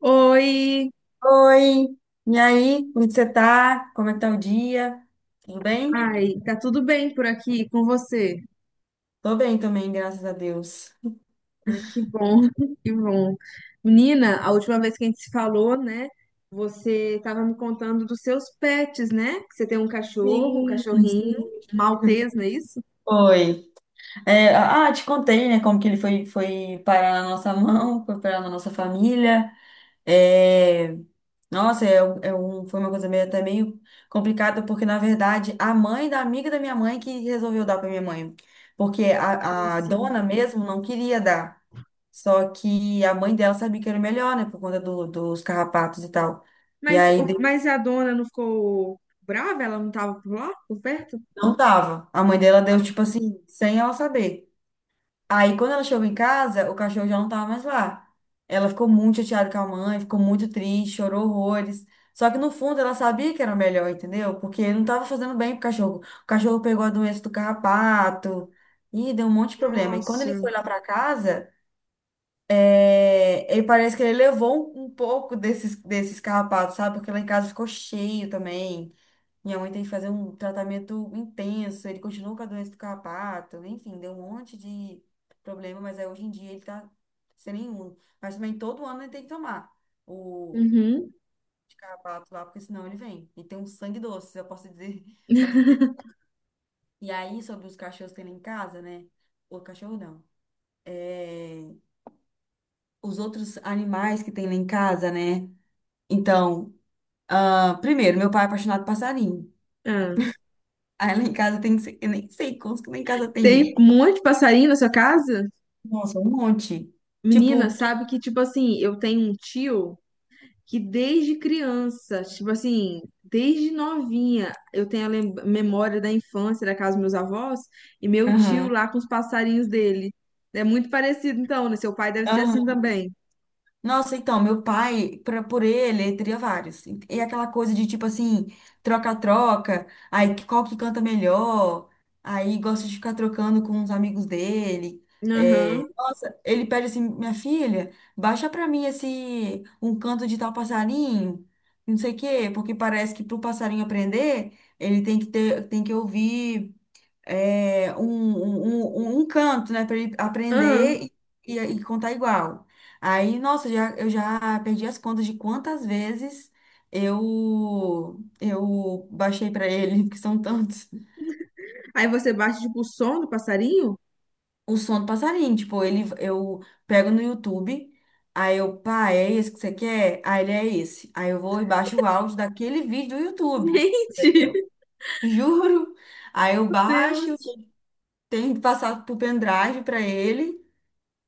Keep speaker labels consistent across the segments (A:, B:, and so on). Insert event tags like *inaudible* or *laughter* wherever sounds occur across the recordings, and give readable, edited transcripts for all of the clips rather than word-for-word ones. A: Oi,
B: Oi, e aí? Como que você tá? Como é que tá o dia? Tudo bem?
A: ai, tá tudo bem por aqui com você?
B: Tô bem também, graças a Deus.
A: Ai, que bom, *laughs* que bom. Menina, a última vez que a gente se falou, né? Você tava me contando dos seus pets, né? Que você tem um cachorro, um
B: Sim,
A: cachorrinho,
B: sim.
A: um maltês, não é isso?
B: Oi. É, te contei, né, como que ele foi parar na nossa mão, foi parar na nossa família. É, nossa, foi uma coisa meio, até meio complicada, porque, na verdade, a mãe da amiga da minha mãe que resolveu dar pra minha mãe. Porque
A: Ah,
B: a
A: sim.
B: dona mesmo não queria dar. Só que a mãe dela sabia que era melhor, né? Por conta dos carrapatos e tal. E
A: Mas,
B: aí
A: o- mas a dona não ficou brava? Ela não tava por lá, por perto?
B: não dava. A mãe dela deu, tipo assim, sem ela saber. Aí quando ela chegou em casa, o cachorro já não tava mais lá. Ela ficou muito chateada com a mãe, ficou muito triste, chorou horrores. Só que no fundo ela sabia que era melhor, entendeu? Porque não tava fazendo bem pro cachorro. O cachorro pegou a doença do carrapato e deu um monte de problema. E quando ele
A: Nossa.
B: foi lá pra casa. É, ele parece que ele levou um pouco desses carrapatos, sabe? Porque lá em casa ficou cheio também. Minha mãe tem que fazer um tratamento intenso. Ele continuou com a doença do carrapato. Enfim, deu um monte de problema, mas aí hoje em dia ele tá sem nenhum. Mas também todo ano ele tem que tomar o
A: Uhum.
B: de carrapato lá, porque senão ele vem. E tem um sangue doce, eu posso dizer, *laughs* posso dizer.
A: *laughs*
B: E aí, sobre os cachorros que tem lá em casa, né? O cachorro não. É, os outros animais que tem lá em casa, né? Então, primeiro, meu pai é apaixonado por passarinho.
A: Ah,
B: Aí lá em casa tem, eu nem sei quantos que lá em casa tem.
A: tem um monte de passarinho na sua casa?
B: Nossa, um monte.
A: Menina,
B: Tipo,
A: sabe que, tipo assim, eu tenho um tio. Que desde criança, tipo assim, desde novinha, eu tenho a memória da infância da casa dos meus avós e meu tio
B: aham,
A: lá com os passarinhos dele. É muito parecido, então, né? Seu pai deve ser assim
B: aham.
A: também.
B: Nossa, então, meu pai, por ele, teria vários. E aquela coisa de, tipo assim, troca-troca, aí qual que canta melhor, aí gosta de ficar trocando com os amigos dele. É,
A: Aham.
B: nossa, ele pede assim, minha filha, baixa pra mim esse, um canto de tal passarinho, não sei o quê, porque parece que pro passarinho aprender, ele tem que ter, tem que ouvir um canto, né, para ele
A: Aham.
B: aprender e contar igual. Aí, nossa, eu já perdi as contas de quantas vezes eu baixei para ele, *laughs* que são tantos.
A: Aí você bate, tipo, o som do passarinho?
B: O som do passarinho, tipo, ele eu pego no YouTube, aí eu, pá, é esse que você quer? Aí ele é esse. Aí eu vou e baixo o áudio daquele vídeo do YouTube.
A: Gente,
B: Entendeu?
A: *laughs*
B: *laughs* Juro. Aí eu
A: meu
B: baixo,
A: Deus.
B: tenho que passar pro pendrive para ele.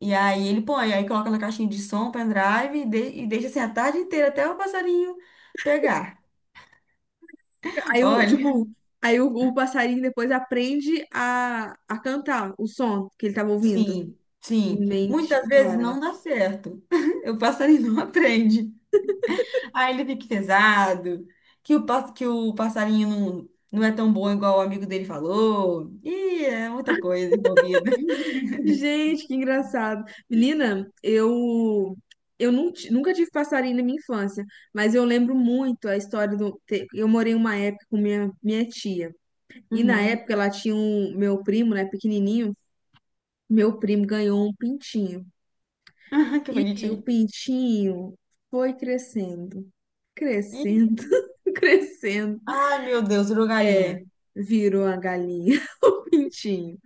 B: E aí ele põe, aí coloca na caixinha de som, pendrive e deixa assim a tarde inteira até o passarinho pegar.
A: Aí, o,
B: Olha,
A: tipo, aí o passarinho depois aprende a cantar o som que ele tava
B: *laughs*
A: ouvindo.
B: sim, sim.
A: Mente,
B: Muitas vezes
A: cara.
B: não dá certo. *laughs* O passarinho não aprende. Aí ele fica pesado, que o passarinho não é tão bom igual o amigo dele falou. Ih, é muita coisa envolvida. *laughs*
A: Gente, que engraçado. Menina, eu nunca tive passarinho na minha infância, mas eu lembro muito a história. Eu morei uma época com minha tia. E na
B: Uhum.
A: época ela tinha um. Meu primo, né, pequenininho, meu primo ganhou um pintinho.
B: *laughs* Que
A: E o
B: bonitinho.
A: pintinho foi crescendo,
B: Ih,
A: crescendo, *laughs* crescendo.
B: ai, meu Deus, virou galinha.
A: É, virou a galinha. Pintinho.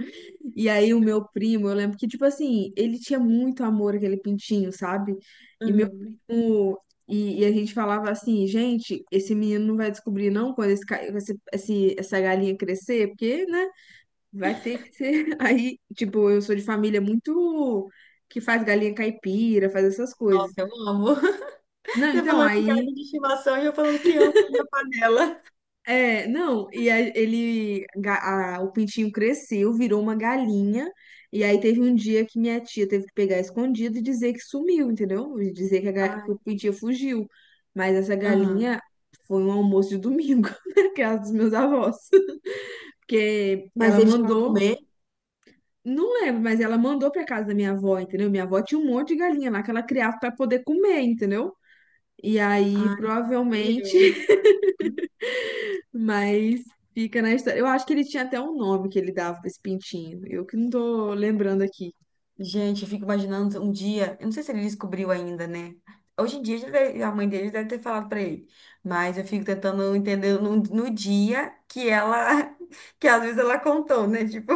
A: E aí o meu primo, eu lembro que, tipo assim, ele tinha muito amor aquele pintinho, sabe? E meu
B: Uhum.
A: primo. E a gente falava assim, gente, esse menino não vai descobrir não quando esse, ca- esse- essa galinha crescer, porque, né, vai ter que ser. *laughs* Aí, tipo, eu sou de família muito que faz galinha caipira, faz essas coisas.
B: Nossa, eu amo.
A: Não,
B: Você
A: então,
B: falando de
A: aí,
B: galinha de estimação e eu falando que amo na panela.
A: é, não, e aí o pintinho cresceu, virou uma galinha, e aí teve um dia que minha tia teve que pegar escondido e dizer que sumiu, entendeu? E dizer que
B: Ai,
A: o pintinho fugiu. Mas essa
B: aham.
A: galinha foi um almoço de domingo *laughs* na casa dos meus avós. Porque
B: Mas
A: ela
B: ele chegou a
A: mandou,
B: comer?
A: não lembro, mas ela mandou pra casa da minha avó, entendeu? Minha avó tinha um monte de galinha lá que ela criava pra poder comer, entendeu? E aí,
B: Ai,
A: provavelmente.
B: Deus.
A: Mas fica na história. Eu acho que ele tinha até um nome que ele dava pra esse pintinho. Eu que não tô lembrando aqui.
B: Gente, eu fico imaginando um dia. Eu não sei se ele descobriu ainda, né? Hoje em dia a mãe dele deve ter falado pra ele. Mas eu fico tentando entender no dia que ela. *laughs* Que às vezes ela contou, né? Tipo,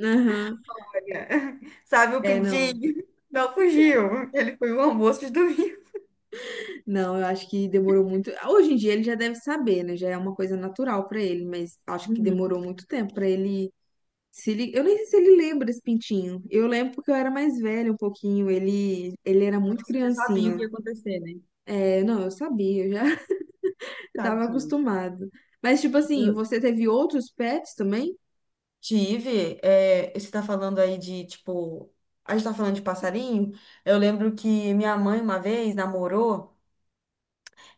A: Aham.
B: olha, *laughs* sabe o
A: É, não.
B: pintinho? Não fugiu. Ele foi o almoço de domingo.
A: Não, eu acho que demorou muito. Hoje em dia ele já deve saber, né? Já é uma coisa natural pra ele, mas acho que
B: Uhum.
A: demorou muito tempo pra ele se li... Eu nem sei se ele lembra desse pintinho. Eu lembro porque eu era mais velha um pouquinho, ele era muito
B: Nossa, eu já sabia o
A: criancinha.
B: que ia acontecer, né?
A: É, não, eu sabia, eu já *laughs* eu tava
B: Tadinho.
A: acostumado. Mas tipo assim,
B: Eu,
A: você teve outros pets também?
B: Tive. Você tá falando aí de, tipo, a gente tá falando de passarinho. Eu lembro que minha mãe uma vez namorou,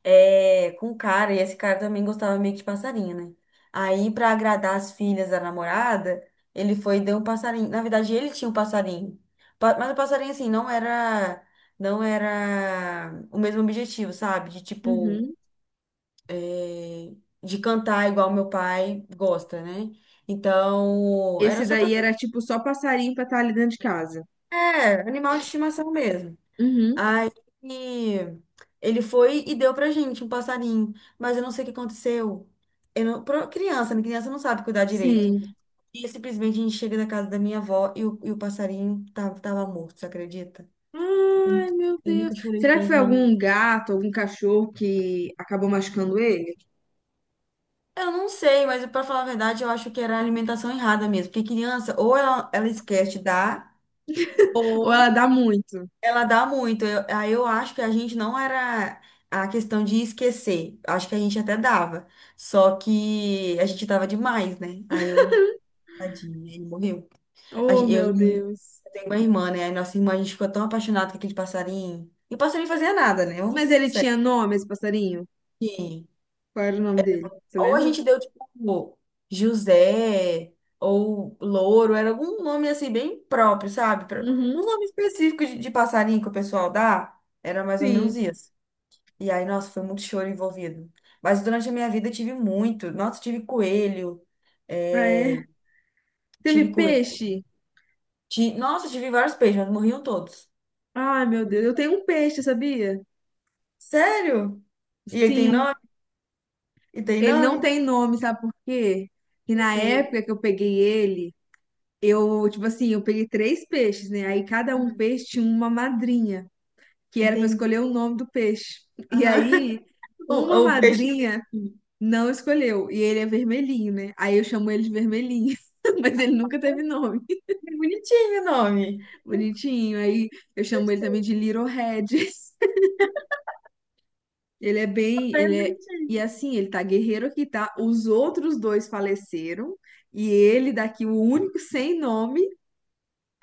B: com um cara, e esse cara também gostava meio que de passarinho, né? Aí, pra agradar as filhas da namorada, ele foi e deu um passarinho. Na verdade, ele tinha um passarinho. Mas o passarinho, assim, não era o mesmo objetivo, sabe? De, tipo,
A: Uhum.
B: é, de cantar igual meu pai gosta, né? Então,
A: Esse
B: era só pra.
A: daí era tipo só passarinho pra estar ali dentro de casa.
B: É, animal de estimação mesmo.
A: Uhum,
B: Aí ele foi e deu pra gente um passarinho, mas eu não sei o que aconteceu. Eu não, criança, né? Criança não sabe cuidar direito.
A: sim.
B: E simplesmente a gente chega na casa da minha avó e o passarinho tava morto, você acredita? Eu,
A: Ai, meu
B: eu
A: Deus.
B: nunca chorei
A: Será que
B: tanto
A: foi
B: na minha
A: algum
B: vida.
A: gato, algum cachorro que acabou machucando ele?
B: Eu não sei, mas pra falar a verdade, eu acho que era a alimentação errada mesmo. Porque criança, ou ela esquece de dar.
A: Ou ela dá muito?
B: Ela dá muito. Aí eu acho que a gente não era a questão de esquecer. Acho que a gente até dava. Só que a gente dava demais, né? Tadinho, ele morreu. A
A: Oh,
B: gen- Eu,
A: meu Deus.
B: eu tenho uma irmã, né? Aí nossa irmã, a gente ficou tão apaixonado com aquele passarinho. E o passarinho fazia nada, né? Vamos
A: Mas
B: ser
A: ele
B: sinceros.
A: tinha nome, esse passarinho?
B: Sim.
A: Qual era o nome dele? Você
B: Ou a
A: lembra?
B: gente deu, tipo, José, ou Louro, era algum nome assim, bem próprio, sabe? Um
A: Uhum,
B: nome específico de passarinho que o pessoal dá. Era mais ou menos
A: sim.
B: isso. E aí, nossa, foi muito choro envolvido. Mas durante a minha vida eu tive muito. Nossa, tive coelho.
A: Ah, é.
B: é, Tive
A: Teve
B: coelho.
A: peixe?
B: Nossa, tive vários peixes, mas morriam todos.
A: Ai, meu Deus. Eu tenho um peixe, sabia?
B: Sério? E ele tem
A: Sim.
B: nome? E tem
A: Ele não
B: nome?
A: tem nome, sabe por quê? Que
B: O
A: na
B: Porque.
A: época que eu peguei ele. Eu, tipo assim, eu peguei três peixes, né? Aí cada um peixe tinha uma madrinha, que era pra
B: Entendi.
A: escolher o nome do peixe. E
B: Aham.
A: aí,
B: *laughs*
A: uma
B: O peixe.
A: madrinha não escolheu, e ele é vermelhinho, né? Aí eu chamo ele de vermelhinho, *laughs* mas ele nunca teve nome.
B: É bonitinho o nome.
A: Bonitinho. Aí eu chamo ele também
B: Gostei.
A: de Little Red. *laughs* Ele é bem,
B: É
A: ele é,
B: bonitinho.
A: E assim, ele tá guerreiro aqui, tá? Os outros dois faleceram, e ele daqui, o único sem nome,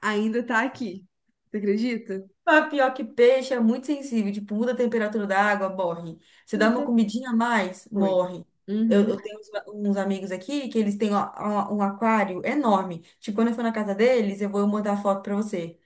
A: ainda tá aqui. Você acredita?
B: Mas pior que peixe é muito sensível, tipo, muda a temperatura da água, morre. Você dá uma
A: Muda.
B: comidinha a mais,
A: Foi.
B: morre. Eu,
A: Uhum,
B: eu tenho uns amigos aqui que eles têm ó, ó, um aquário enorme. Tipo, quando eu for na casa deles, eu vou mandar foto pra você.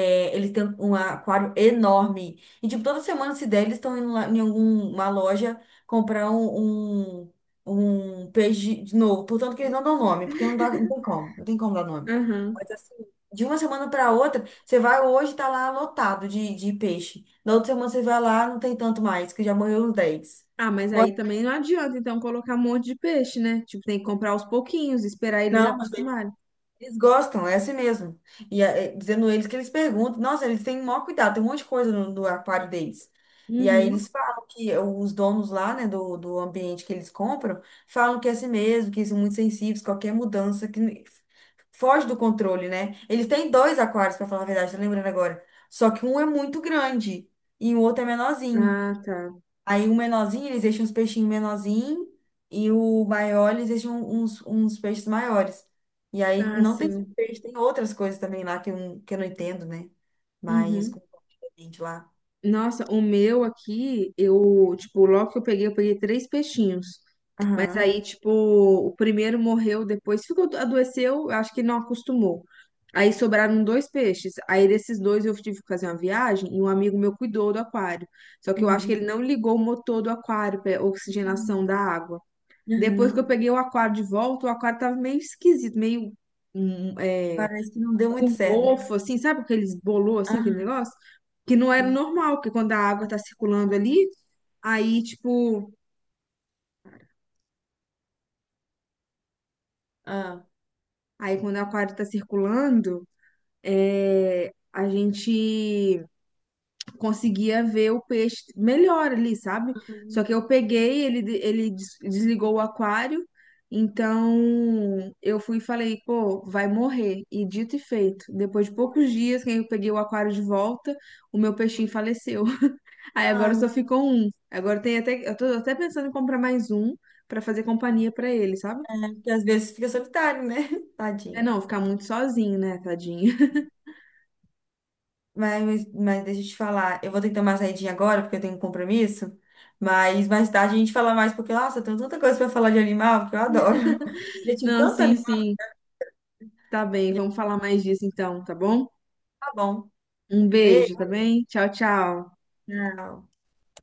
B: É, eles têm um aquário enorme. E, tipo, toda semana, se der, eles estão indo lá em alguma loja comprar um peixe de novo. Portanto, que eles não dão nome, porque não dá, não tem como. Não tem como dar nome.
A: aham.
B: Mas, assim, de uma semana para outra, você vai hoje, tá lá lotado de peixe. Na outra semana, você vai lá, não tem tanto mais, que já morreu uns 10.
A: Ah, mas
B: Bota,
A: aí também não adianta, então, colocar um monte de peixe, né? Tipo, tem que comprar aos pouquinhos, esperar eles
B: não,
A: acostumarem.
B: eles gostam, é assim mesmo. E é, dizendo eles que eles perguntam, nossa, eles têm o maior cuidado, tem um monte de coisa no aquário deles. E aí
A: Uhum.
B: eles falam que os donos lá, né, do ambiente que eles compram, falam que é assim mesmo, que são muito sensíveis, qualquer mudança que foge do controle, né? Eles têm dois aquários, para falar a verdade, tô lembrando agora. Só que um é muito grande e o outro é menorzinho.
A: Ah, tá.
B: Aí o menorzinho, eles deixam uns peixinhos menorzinhos e o maior, eles deixam uns peixes maiores. E aí
A: Ah,
B: não tem só
A: sim.
B: peixe, tem outras coisas também lá que eu não entendo, né? Mas
A: Uhum.
B: com gente lá.
A: Nossa, o meu aqui, eu, tipo, logo que eu peguei três peixinhos. Mas
B: Aham.
A: aí, tipo, o primeiro morreu, depois ficou, adoeceu, acho que não acostumou. Aí sobraram dois peixes. Aí desses dois eu tive que fazer uma viagem e um amigo meu cuidou do aquário. Só que eu acho que
B: Uhum.
A: ele não ligou o motor do aquário para oxigenação
B: Uhum.
A: da água. Depois que eu
B: Aham.
A: peguei o aquário de volta, o aquário tava meio esquisito, meio hum, é,
B: Parece que não deu
A: com
B: muito certo, né?
A: mofo, assim, sabe aqueles bolô, assim, aquele
B: Aham.
A: negócio? Que não era
B: Sim.
A: normal, porque quando a água tá circulando ali, aí, tipo,
B: Ah.
A: aí quando o aquário tá circulando. A gente conseguia ver o peixe melhor ali, sabe? Só
B: Uhum.
A: que eu peguei, ele, de- ele des- desligou o aquário, então eu fui e falei, pô, vai morrer. E dito e feito, depois de poucos
B: Morreu.
A: dias, quando eu peguei o aquário de volta, o meu peixinho faleceu. *laughs* Aí agora
B: Ai,
A: só ficou um. Agora tem até, eu tô até pensando em comprar mais um pra fazer companhia pra ele, sabe?
B: porque às vezes fica solitário, né? *laughs*
A: É
B: Tadinho.
A: não, ficar muito sozinho, né, tadinho? *laughs*
B: Mas deixa eu te falar, eu vou ter que tomar uma saidinha agora, porque eu tenho um compromisso. Mas mais tarde a gente fala mais, porque, nossa, eu tenho tanta coisa pra falar de animal que eu adoro. *laughs* Eu tive
A: Não,
B: tanto
A: sim,
B: animal.
A: sim. Tá bem, vamos falar mais disso então, tá bom?
B: Tá bom.
A: Um beijo,
B: Beijo.
A: tá bem? Tchau, tchau.
B: Tchau.